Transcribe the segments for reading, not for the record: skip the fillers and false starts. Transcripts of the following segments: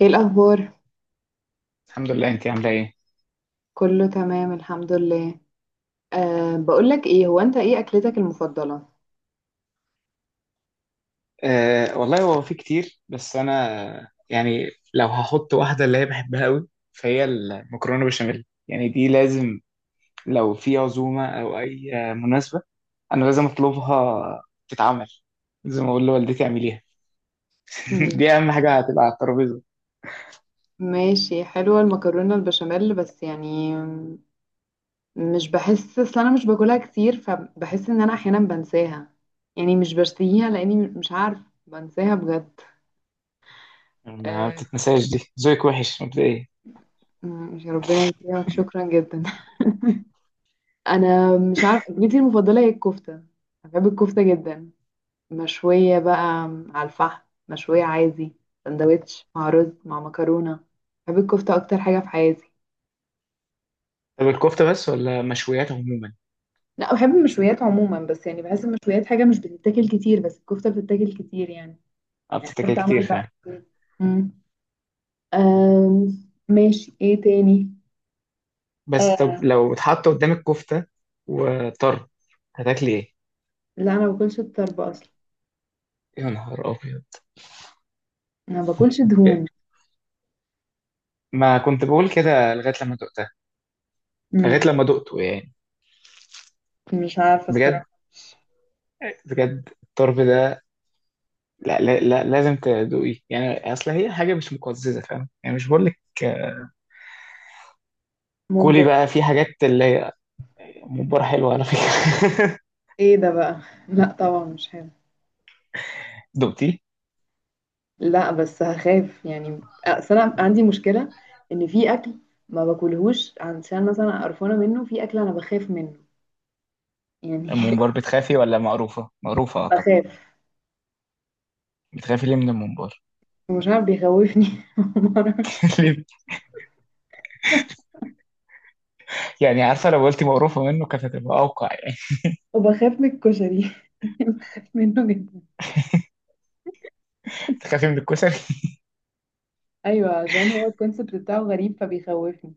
ايه الاخبار؟ الحمد لله، انت عامله ايه؟ كله تمام، الحمد لله. بقولك ايه، هو انت ايه اكلتك المفضله؟ والله هو في كتير بس انا يعني لو هحط واحده اللي هي بحبها قوي فهي المكرونه بشاميل، يعني دي لازم لو في عزومه او اي مناسبه. انا لازم اطلبها تتعمل. لازم اقول لوالدتي اعمليها. مم، دي اهم حاجه هتبقى على الترابيزه. ماشي، حلوه المكرونه البشاميل، بس يعني مش بحس، اصل انا مش باكلها كتير، فبحس ان انا احيانا بنساها، يعني مش بشتهيها لاني مش عارف، بنساها بجد. ما أه. بتتنساش، دي ذوقك وحش مبدئيا. يا ربنا يكرمك، شكرا جدا. انا مش عارف، اكلتي المفضله هي الكفته. أنا بحب الكفته جدا، مشوية بقى، على الفحم، مشوية عادي، سندوتش مع رز مع مكرونة. بحب الكفتة أكتر حاجة في حياتي. طب الكفته بس ولا مشويات عموما؟ لا، بحب المشويات عموما، بس يعني بحس المشويات حاجة مش بتتاكل كتير، بس الكفتة بتتاكل كتير يعني. اه، يعني حاجة بتتاكل كتير بتتعمل بقى. فعلا. مم. ماشي، ايه تاني؟ بس طب آه. لو اتحط قدامك كفته وطرب، هتاكلي ايه؟ لا، أنا ما باكلش الطرب أصلا. يا نهار ابيض! أنا ما باكلش دهون. ما كنت بقول كده لغاية لما دقتها. لغاية مم. لما دقته يعني. مش عارفة بجد، الصراحة. بجد الطرب ده. لا، لازم تدوقيه يعني، اصل هي حاجة مش مقززة، فاهم يعني؟ مش بقول لك، كولي ممبار. بقى. في حاجات اللي هي، ممبار حلوة على فكرة. ايه ده بقى؟ لا، طبعا مش حلو. دقتيه؟ لا بس هخاف، يعني اصل انا عندي مشكله، ان في اكل ما باكلهوش عشان مثلا قرفانه منه، في اكل انا بخاف منه يعني. الممبار بتخافي ولا مقروفة؟ مقروفة أعتقد. بخاف، بتخافي ليه من الممبار؟ ومش عارف بيخوفني. معرفش. ليه؟ يعني عارفة لو قلتي مقروفة منه كانت هتبقى أوقع يعني. وبخاف من الكشري، بخاف منه جدا. بتخافي من الكشري؟ ايوه، عشان هو الكونسيبت بتاعه غريب فبيخوفني.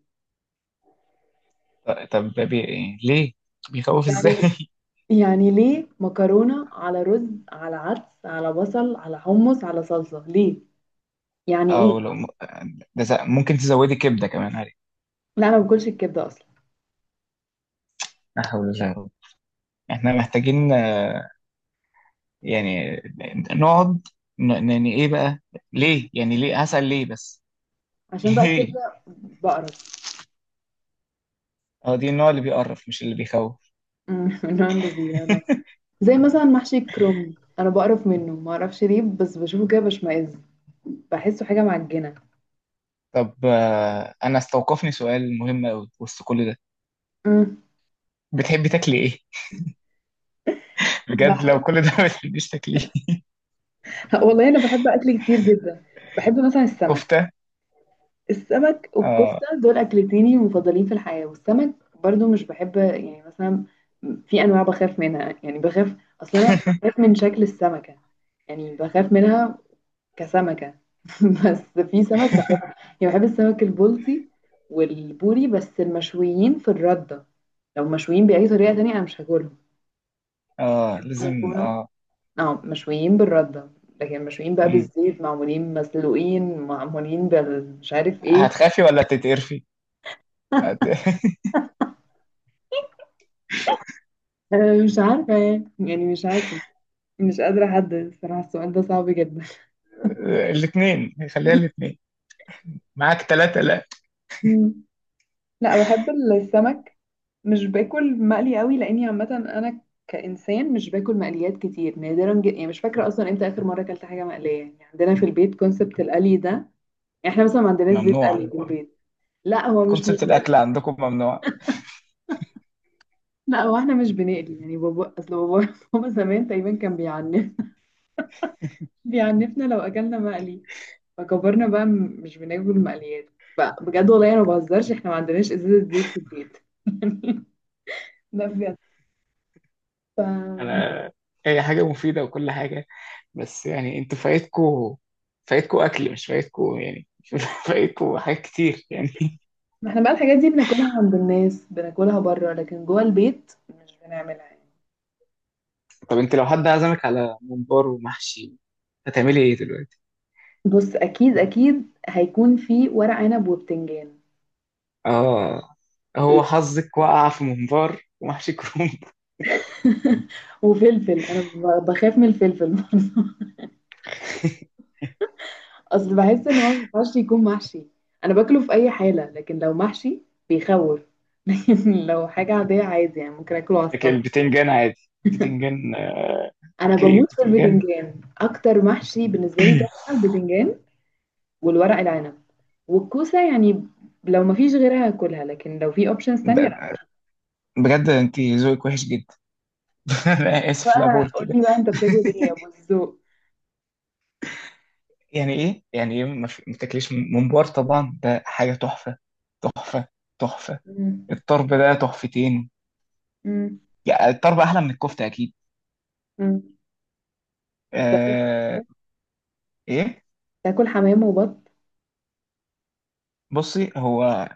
طب ده ليه؟ بيخوف ازاي؟ يعني يعني ليه مكرونه على رز، على عدس، على بصل، على حمص، على صلصه، ليه؟ يعني ايه؟ أو لو ده ممكن تزودي كبدة كمان عليه. لا، انا ما باكلش الكبده اصلا. لا حول الله يا رب. احنا محتاجين يعني نقعد، يعني ايه بقى؟ ليه يعني؟ ليه هسأل ليه بس؟ عشان بقى ليه؟ الكبده بقرف. اه دي النوع اللي بيقرف مش اللي بيخوف. من نوع اللي بيقرف، زي مثلا محشي الكرنب، انا بقرف منه، ما اعرفش ليه، بس بشوفه كده بشمئز، بحسه حاجه معجنه. طب انا استوقفني سؤال مهم قوي وسط كل ده. مم. بتحبي تاكلي ايه؟ بجد لو بحب. كل ده ما بتحبيش تاكليه. والله انا بحب اكل كتير جدا. بحب مثلا السمك. كفتة. السمك اه. والكفته دول اكلتيني المفضلين في الحياه، والسمك برضو مش بحب، يعني مثلا في انواع بخاف منها، يعني بخاف، اصلا انا بخاف من شكل السمكه، يعني بخاف منها كسمكه. بس في سمك يعني، بحب السمك البلطي والبوري، بس المشويين في الردة. لو مشويين بأي طريقة تانية أنا مش هاكلهم. اه لازم بيكونوا، اه. اه مشويين بالردة. لكن مشويين بقى مم. بالزيت، معمولين مسلوقين، معمولين بال مش عارف ايه. هتخافي ولا تتقرفي؟ هت... أنا مش عارفة، يعني مش عارفة، مش قادرة أحدد الصراحة، السؤال ده صعب جدا. الاثنين، خليها الاثنين. معاك ثلاثة لا. لا، بحب السمك. مش باكل مقلي قوي لاني عامه انا كانسان مش باكل مقليات كتير، نادرا جدا، يعني مش فاكره اصلا امتى اخر مره اكلت حاجه مقليه، يعني عندنا في البيت كونسبت القلي ده يعني. احنا مثلا ما عندناش زيت ممنوع؟ قلي في البيت. لا هو مش كونسبت متبل. الاكل عندكم ممنوع. لا هو احنا مش بنقلي، يعني بابا، اصل بابا، بابا زمان تقريبا كان بيعنفنا لو اكلنا مقلي. فكبرنا بقى، مش بناكل مقليات بقى بجد، والله انا ما بهزرش، احنا ما عندناش ازازه زيت في البيت. ده بجد، ف انا هي حاجه مفيده وكل حاجه، بس يعني انتوا فايتكوا، فايتكوا اكل مش فايتكوا يعني. فايتكوا حاجات كتير يعني. ما احنا بقى، الحاجات دي بناكلها عند الناس، بناكلها بره، لكن جوه البيت مش بنعملها يعني. طب انت لو حد عزمك على ممبار ومحشي، هتعملي ايه دلوقتي؟ بص، اكيد اكيد هيكون في ورق عنب وبتنجان. اه، هو لا. حظك وقع في ممبار ومحشي كروم. وفلفل، انا بخاف من الفلفل. اصل بحس ان هو ما ينفعش يكون محشي، انا باكله في اي حاله، لكن لو محشي بيخوف. لكن لو حاجه عاديه، عادي يعني ممكن اكله على لكن السلطه. البتنجان عادي. البتنجان انا اوكي بموت في البتنجان. البتنجان، اكتر محشي بالنسبه لي تحفه البتنجان، والورق العنب، والكوسة يعني. لو مفيش غيرها هاكلها، لكن لو في اوبشنز تانية، ب- لا. بجد انت ذوقك وحش جدا. انا اسف لا بقى بقول قول كده. لي بقى، انت بتاكل ايه يا ابو الذوق؟ يعني ايه؟ يعني ايه ما ما تاكليش ممبار؟ طبعا ده حاجه تحفه، تحفه، تحفه. مم. الطرب ده تحفتين. مم. يعني الطرب احلى من الكفته اكيد. مم. انت بتاكل آه. ايه؟ تاكل حمام وبط؟ بصي هو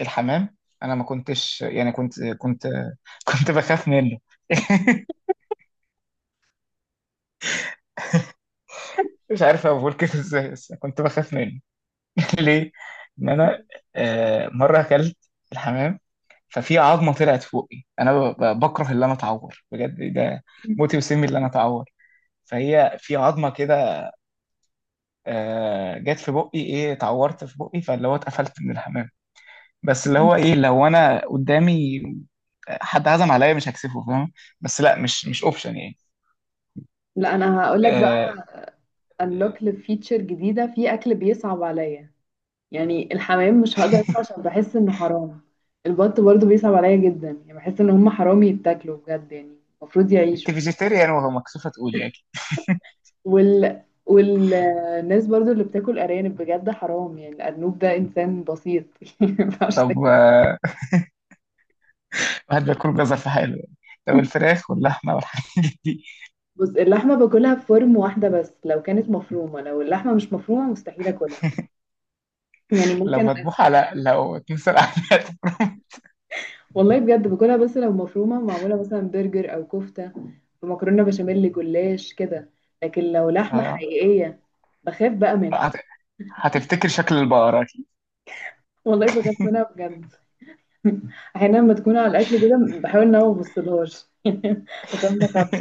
الحمام، انا ما كنتش يعني، كنت كنت بخاف منه. مش عارف اقول كده ازاي بس كنت بخاف منه. ليه؟ ان انا آه مره اكلت الحمام، ففي عظمه طلعت فوقي. انا بكره اللي انا اتعور بجد ده. مم. موتي وسمي اللي انا اتعور. فهي في عظمه كده جت في بقي، ايه، اتعورت في بقي، فاللي هو اتقفلت من الحمام. بس اللي هو ايه، لو انا قدامي حد عزم عليا مش هكسفه، فاهم؟ بس لا، مش مش اوبشن يعني. لا انا هقول لك آه، بقى، انلوك لفيتشر جديدة، في اكل بيصعب عليا. يعني الحمام مش هقدر اكله عشان بحس انه حرام. البط برضو بيصعب عليا جدا، يعني بحس ان هم حرام يتاكلوا بجد يعني. المفروض انت يعيشوا. فيجيتيريان وهو مكسوفه تقول يعني. والناس برضو اللي بتاكل ارانب، بجد حرام، يعني الارنوب ده انسان بسيط. يعني ما ينفعش طب تاكل. واحد بياكل جزر في حاله يعني، لو الفراخ واللحمه والحاجات دي بص، اللحمه باكلها بفورم واحده، بس لو كانت مفرومه، لو اللحمه مش مفرومه مستحيل اكلها، يعني لو ممكن. مذبوحه لا، لو اتمسك. والله بجد باكلها، بس لو مفرومه معموله مثلا برجر او كفته، بمكرونه بشاميل جلاش كده، لكن لو لحمه اه. حقيقيه بخاف بقى منها. هت- هتفتكر شكل البقرة أكيد. والله بخاف منها بجد. احيانا لما تكون على الاكل كده بحاول ان انا ما ابصلهاش، عشان ما اخافش.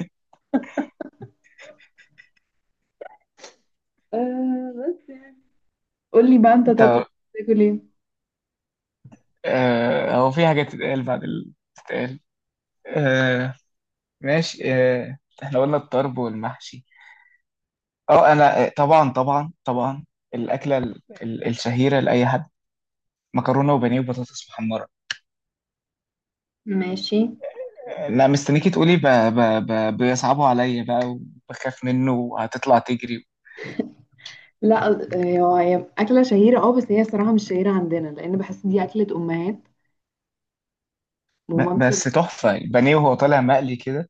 بس يعني. قولي بقى، انت انت طب بتاكل ايه؟ آه، هو في حاجة تتقال بعد اللي بتتقال؟ آه، ماشي، احنا قلنا الطرب والمحشي. اه انا طبعا طبعا طبعا، الاكله الشهيره لاي حد: مكرونه وبانيه وبطاطس محمره. ماشي. لا مستنيكي تقولي بيصعبوا عليا بقى وبخاف منه وهتطلع تجري. لا، هي اكله شهيره، بس هي الصراحه مش شهيره عندنا، لان بحس دي اكله امهات، ومامتي. بس تحفه البانيه وهو طالع مقلي كده.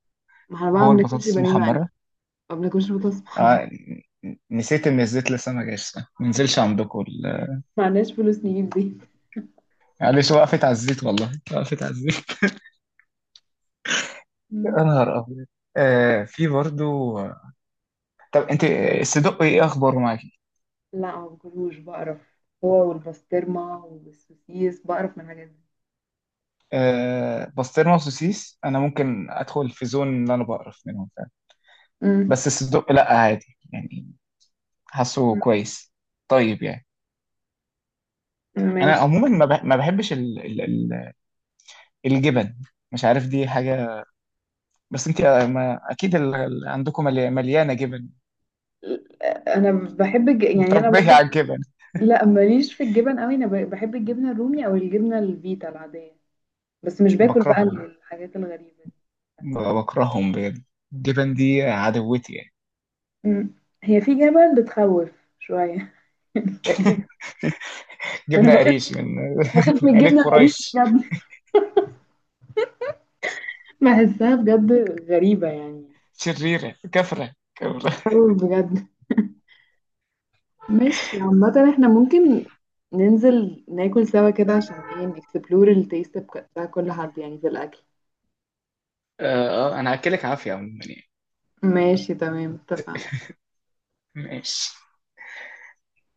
ما احنا بقى ما هو بناكلش البطاطس بانيه مقلي، المحمره ما بناكلش بطاطس محمره. آه، نسيت ان الزيت لسه ما جاش، صح؟ ما نزلش عندكم ما عندناش فلوس نجيب دي. معلش، وقفت على الزيت، والله وقفت على الزيت. يا مم. نهار ابيض! آه في برضو. طب انت الصدق ايه اخباره معاكي؟ لا ما باكلوش، بقرف، هو والبسطرمه والسوسيس، بقرف من الحاجات دي. بسطرمه وسوسيس انا ممكن ادخل في زون اللي انا بقرف منهم فعلا. مم. بس الصدق لا عادي يعني، حاسه كويس. طيب يعني انا ماشي. عموما ما بحبش ال الجبن. مش عارف دي حاجه، بس انت ما اكيد عندكم مليانه جبن، انا بحب يعني انا متربيه على برضو. الجبن. لا، ماليش في الجبن قوي، انا بحب الجبنه الرومي، او الجبنه الفيتا العاديه، بس مش باكل بقى بكرههم، الحاجات الغريبه. بكرههم بجد. الجبن دي عدوتي يعني. إمم. هي في جبل بتخوّف شوية. تقريبًا. أنا جبنه باخاف قريش، من باخاف من من عيله الجبنة القريش قريش. بجد، باحسّها بجد غريبة يعني، شريره كفره، خوّف بجد. ماشي، عامةً إحنا ممكن ننزل ناكل سوا كده عشان كفره. إيه، نexplore الtaste بتاع كل حد يعني في الأكل. اه انا هاكلك عافيه عموما يعني. ماشي، تمام، اتفقنا. ماشي.